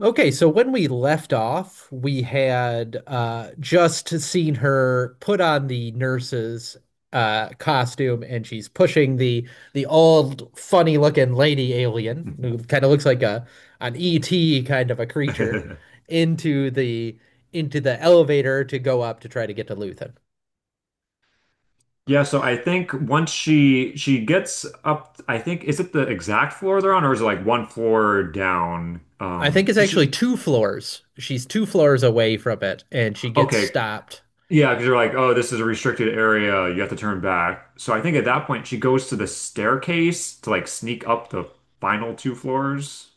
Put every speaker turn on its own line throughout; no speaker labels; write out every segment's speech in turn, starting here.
Okay, so when we left off, we had just seen her put on the nurse's costume, and she's pushing the old, funny-looking lady alien, who kind of looks like a an ET kind of a creature, into the into the elevator to go up to try to get to Luthen.
Yeah, so I think once she gets up, I think is it the exact floor they're on, or is it like one floor down?
I think
Um,
it's actually
she
two floors. She's two floors away from it, and she gets
okay,
stopped.
yeah, because they're like, oh, this is a restricted area, you have to turn back. So I think at that point she goes to the staircase to like sneak up the final two floors.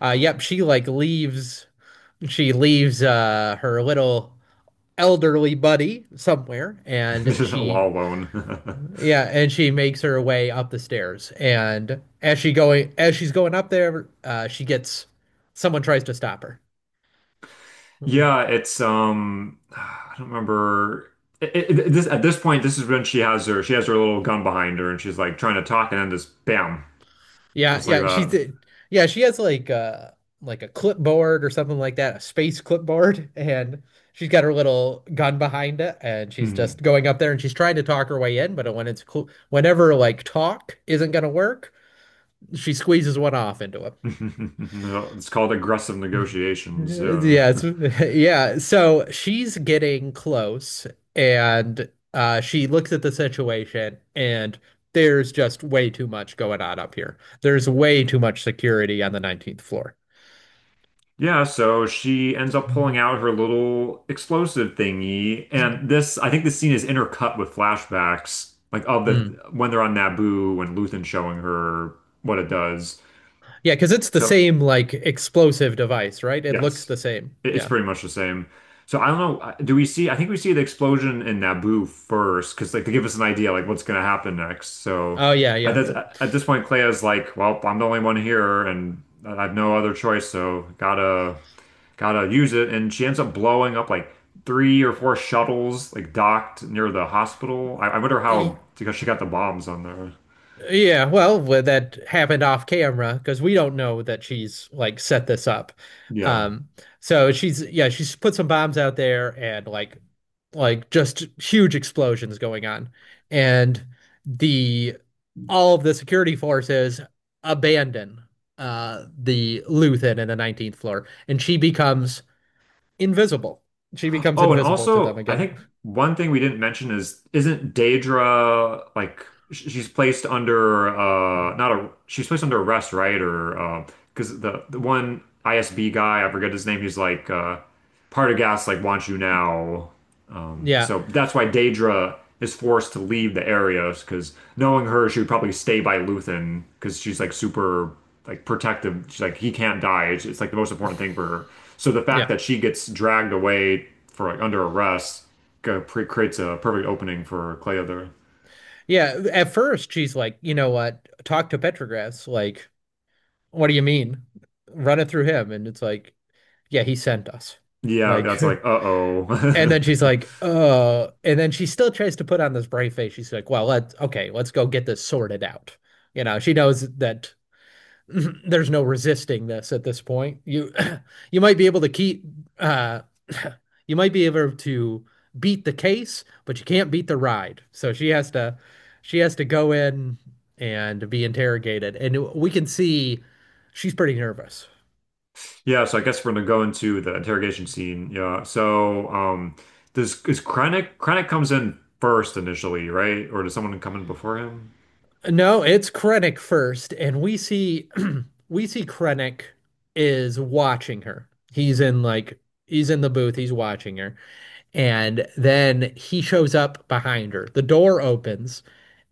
Yep, she like leaves. She leaves her little elderly buddy somewhere, and
This is all
she
alone.
yeah and she makes her way up the stairs, and as she's going up there, she gets, someone tries to stop her.
Yeah, it's I don't remember. It- it- this at this point, this is when she has her little gun behind her, and she's like trying to talk, and then this bam.
yeah
Just like
yeah she's,
that.
yeah, she has like a clipboard or something like that, a space clipboard, and she's got her little gun behind it, and she's
Hmm.
just going up there, and she's trying to talk her way in, but whenever like talk isn't going to work, she squeezes one off into
It's called aggressive
him.
negotiations. Yeah.
Yeah, it's, yeah. So she's getting close, and she looks at the situation, and there's just way too much going on up here. There's way too much security on the 19th floor.
Yeah, so she ends up pulling
Mhm.
out her little explosive thingy, and this I think this scene is intercut with flashbacks, like of the
Mm.
when they're on Naboo when Luthen's showing her what it does.
Yeah, because it's the
So
same like explosive device, right? It looks
yes.
the same.
It's
Yeah.
pretty much the same. So I don't know. Do we see? I think we see the explosion in Naboo first, because like to give us an idea like what's going to happen next. So
Oh yeah,
at
yeah,
this, at this point, Clea's like, "Well, I'm the only one here, and I have no other choice, so gotta use it." And she ends up blowing up like three or four shuttles like docked near the hospital. I wonder
yeah.
how because she got the bombs on there.
Yeah, well, that happened off camera because we don't know that she's like set this up.
Yeah.
Um, so she's, yeah, she's put some bombs out there, and like just huge explosions going on. And the all of the security forces abandon the Luthen in the 19th floor, and she becomes invisible. She becomes
Oh, and
invisible to them
also, I
again.
think one thing we didn't mention is isn't Daedra like she's placed under not a she's placed under arrest, right? Or because the one ISB guy, I forget his name, he's like Partagas like wants you now. Um,
Yeah.
so that's why Daedra is forced to leave the Arios because knowing her, she would probably stay by Luthen because she's like super like protective. She's like he can't die. It's like the most important thing for her. So the
Yeah.
fact that she gets dragged away for like under arrest uh, creates a perfect opening for Cleother.
Yeah, at first she's like, you know what? Talk to Petrogras. Like, what do you mean? Run it through him. And it's like, yeah, he sent us.
Yeah,
Like,
that's like uh
and
oh.
then she's like, and then she still tries to put on this brave face. She's like, well, let's, okay, let's go get this sorted out. You know, she knows that there's no resisting this at this point. You, you might be able to keep, uh, you might be able to beat the case, but you can't beat the ride. So she has to go in and be interrogated. And we can see she's pretty nervous.
Yeah, so I guess we're gonna go into the interrogation scene. Yeah. So, does is Krennic comes in first initially, right? Or does someone come in before him?
No, it's Krennic first, and we see we see Krennic is watching her. He's in like he's in the booth, he's watching her, and then he shows up behind her. The door opens,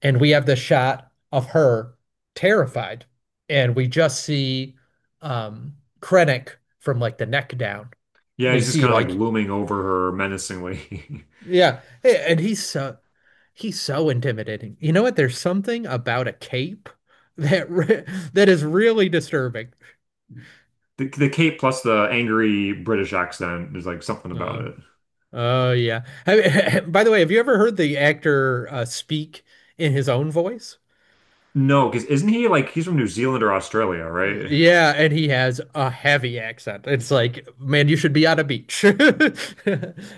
and we have the shot of her terrified, and we just see um Krennic from like the neck down.
Yeah,
We
he's just
see
kind of like
like,
looming over her menacingly.
yeah, hey, and he's so intimidating. You know what? There's something about a cape that re that is really disturbing.
The cape plus the angry British accent, there's like something about
Uh,
it.
oh yeah. By the way, have you ever heard the actor speak in his own voice?
No, because isn't he like he's from New Zealand or Australia, right?
Yeah, and he has a heavy accent. It's like, man, you should be on a beach.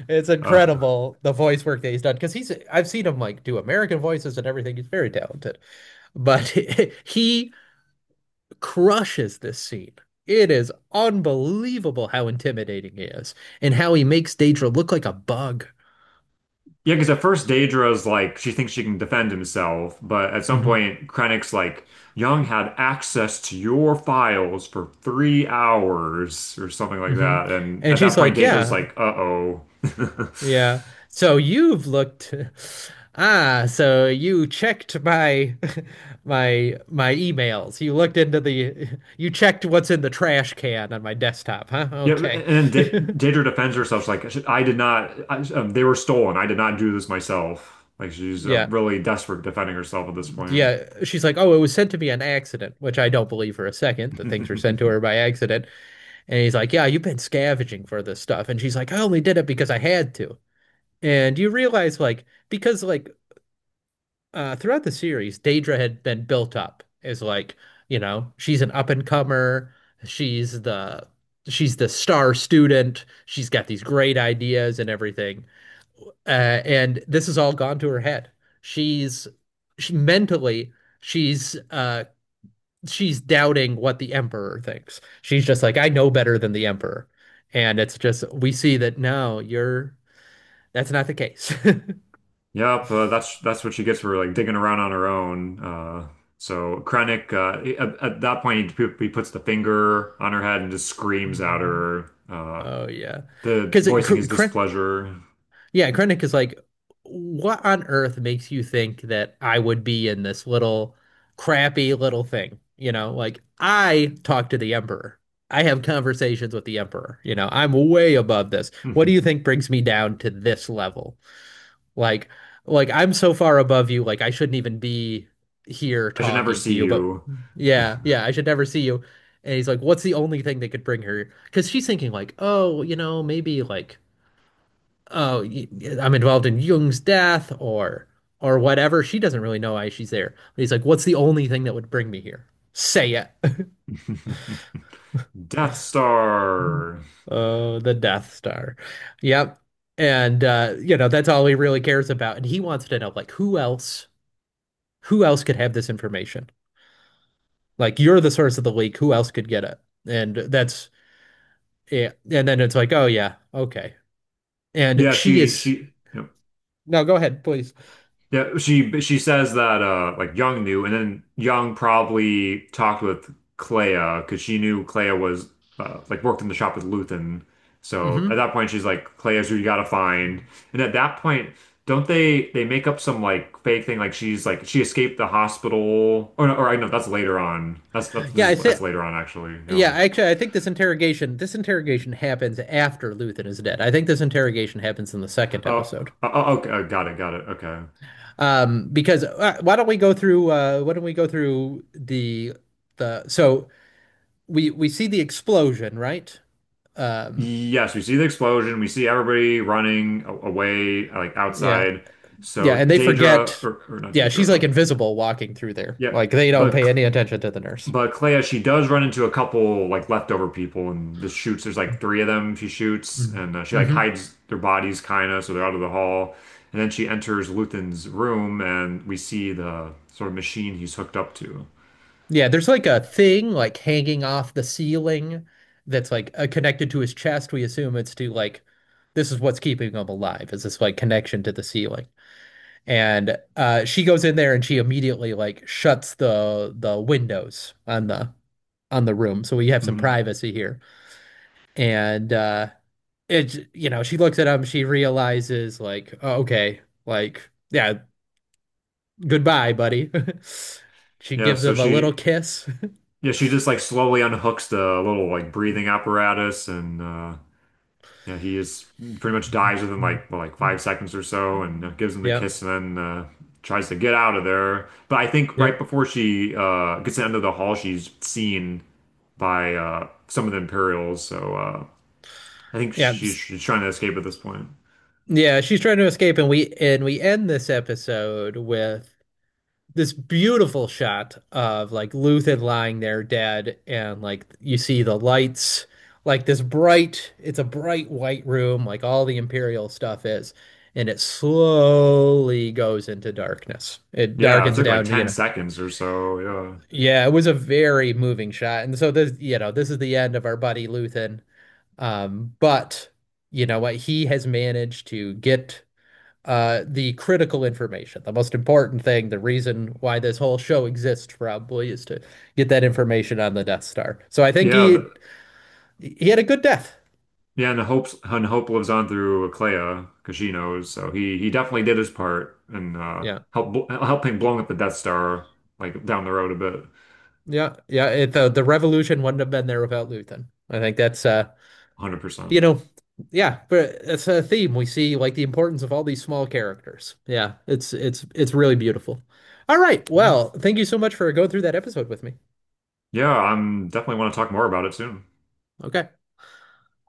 It's
Oh,
incredible the voice work that he's done, because he's I've seen him like do American voices and everything. He's very talented, but he crushes this scene. It is unbelievable how intimidating he is and how he makes Daedra look like a bug.
yeah, because at first Daedra's like she thinks she can defend himself, but at some
Hmm.
point Krennic's like Young had access to your files for 3 hours or something like
Hmm.
that, and
And
at
she's
that point
like,
Daedra's
yeah,
like, "Uh-oh."
yeah. So you've looked. Ah, so you checked my my emails. You looked into the you checked what's in the trash can on my desktop, huh?
Yeah,
Okay.
and then Daedra defends herself. She's like, "I did not. I, they were stolen. I did not do this myself." Like she's
Yeah.
really desperate defending herself at this point.
Yeah. She's like, "Oh, it was sent to me on accident," which I don't believe for a second that things were sent to her by accident. And he's like, yeah, you've been scavenging for this stuff. And she's like, I only did it because I had to. And you realize, like, because, like, throughout the series, Daedra had been built up as, like, you know, she's an up and comer. She's the. She's the star student. She's got these great ideas and everything. And this has all gone to her head. She's she mentally she's, she's doubting what the emperor thinks. She's just like, I know better than the emperor. And it's just, we see that no, you're, that's not the case.
Yep, that's what she gets for like digging around on her own. So Krennic, at that point, he puts the finger on her head and just screams at
Mhm.
her,
Oh, yeah.
the
Because
voicing his
Krennic,
displeasure.
yeah, Krennic is like, what on earth makes you think that I would be in this little crappy little thing? You know, like I talk to the emperor. I have conversations with the emperor. You know, I'm way above this.
I
What do you think brings me down to this level? Like, like I'm so far above you, like I shouldn't even be here
should never
talking to
see
you. But
you.
yeah, yeah, I should never see you. And he's like, what's the only thing that could bring her? Because she's thinking like, oh, you know, maybe like, oh, y- I'm involved in Jung's death or whatever. She doesn't really know why she's there. But he's like, what's the only thing that would bring me here? Say it.
Death Star.
Oh, the Death Star. Yep. And you know, that's all he really cares about. And he wants to know like who else could have this information? Like you're the source of the leak. Who else could get it? And that's, yeah. And then it's like, oh yeah, okay. And
Yeah,
she
she
is
she. Yep.
no. Go ahead, please.
Yeah, she says that like Young knew, and then Young probably talked with Clea because she knew Clea was like worked in the shop with Luthen. So at
Hmm.
that point, she's like, "Clea's who you gotta find." And at that point, don't they make up some like fake thing like she's like she escaped the hospital or no, or I know that's later on. That's this
Yeah, I
is that's
think.
later on actually. You
Yeah,
know.
actually, I think this interrogation happens after Luthen is dead. I think this interrogation happens in the second
Oh,
episode.
oh, oh, okay, oh, got it, got it. Okay.
Because why don't we go through? Why don't we go through the so we see the explosion, right? Um,
Yes, we see the explosion. We see everybody running away, like
yeah,
outside.
yeah,
So
and they
Daedra,
forget.
or not
Yeah, she's
Daedra,
like invisible walking through there.
yeah,
Like they don't
but
pay any attention to the nurse.
but Clea, she does run into a couple like leftover people, and this shoots. There's like three of them. She shoots,
Mm-hmm.
and she like
Mm-hmm.
hides their bodies, kind of, so they're out of the hall. And then she enters Luthen's room, and we see the sort of machine he's hooked up to.
Yeah, there's like a thing like hanging off the ceiling that's like connected to his chest. We assume it's to like this is what's keeping him alive, is this like connection to the ceiling. And she goes in there, and she immediately like shuts the windows on the room. So we have some
Hmm.
privacy here. And it's, you know, she looks at him, she realizes like, oh, okay, like, yeah, goodbye buddy. She
Yeah,
gives
so
him a little kiss.
yeah, she just like slowly unhooks the little like breathing apparatus, and yeah, he is pretty much dies within like well, like 5 seconds or so, and gives him the
Yep.
kiss, and then tries to get out of there. But I think right
Yep.
before she gets to the end of the hall, she's seen by some of the Imperials. So I think
yeah s-
she's trying to escape at this point.
yeah, she's trying to escape, and we end this episode with this beautiful shot of like Luthen lying there dead, and like you see the lights, like this bright, it's a bright white room, like all the Imperial stuff is, and it slowly goes into darkness. It
Yeah, it
darkens
took like
down, you
ten
know.
seconds or so. Yeah,
Yeah, it was a very moving shot. And so this, you know, this is the end of our buddy Luthen. But you know what? He has managed to get the critical information, the most important thing, the reason why this whole show exists probably is to get that information on the Death Star. So I think
yeah, the,
he had a good death.
yeah. And Hope lives on through Clea because she knows. So he definitely did his part and
Yeah,
helping blowing up the Death Star like down the road a bit.
yeah, yeah. It, the revolution wouldn't have been there without Luthen. I think that's
100%.
you know, yeah, but it's a theme we see like the importance of all these small characters. Yeah, it's it's really beautiful. All right,
Mhm.
well, thank you so much for going through that episode with me.
Yeah, I'm definitely want to talk more about it soon.
Okay.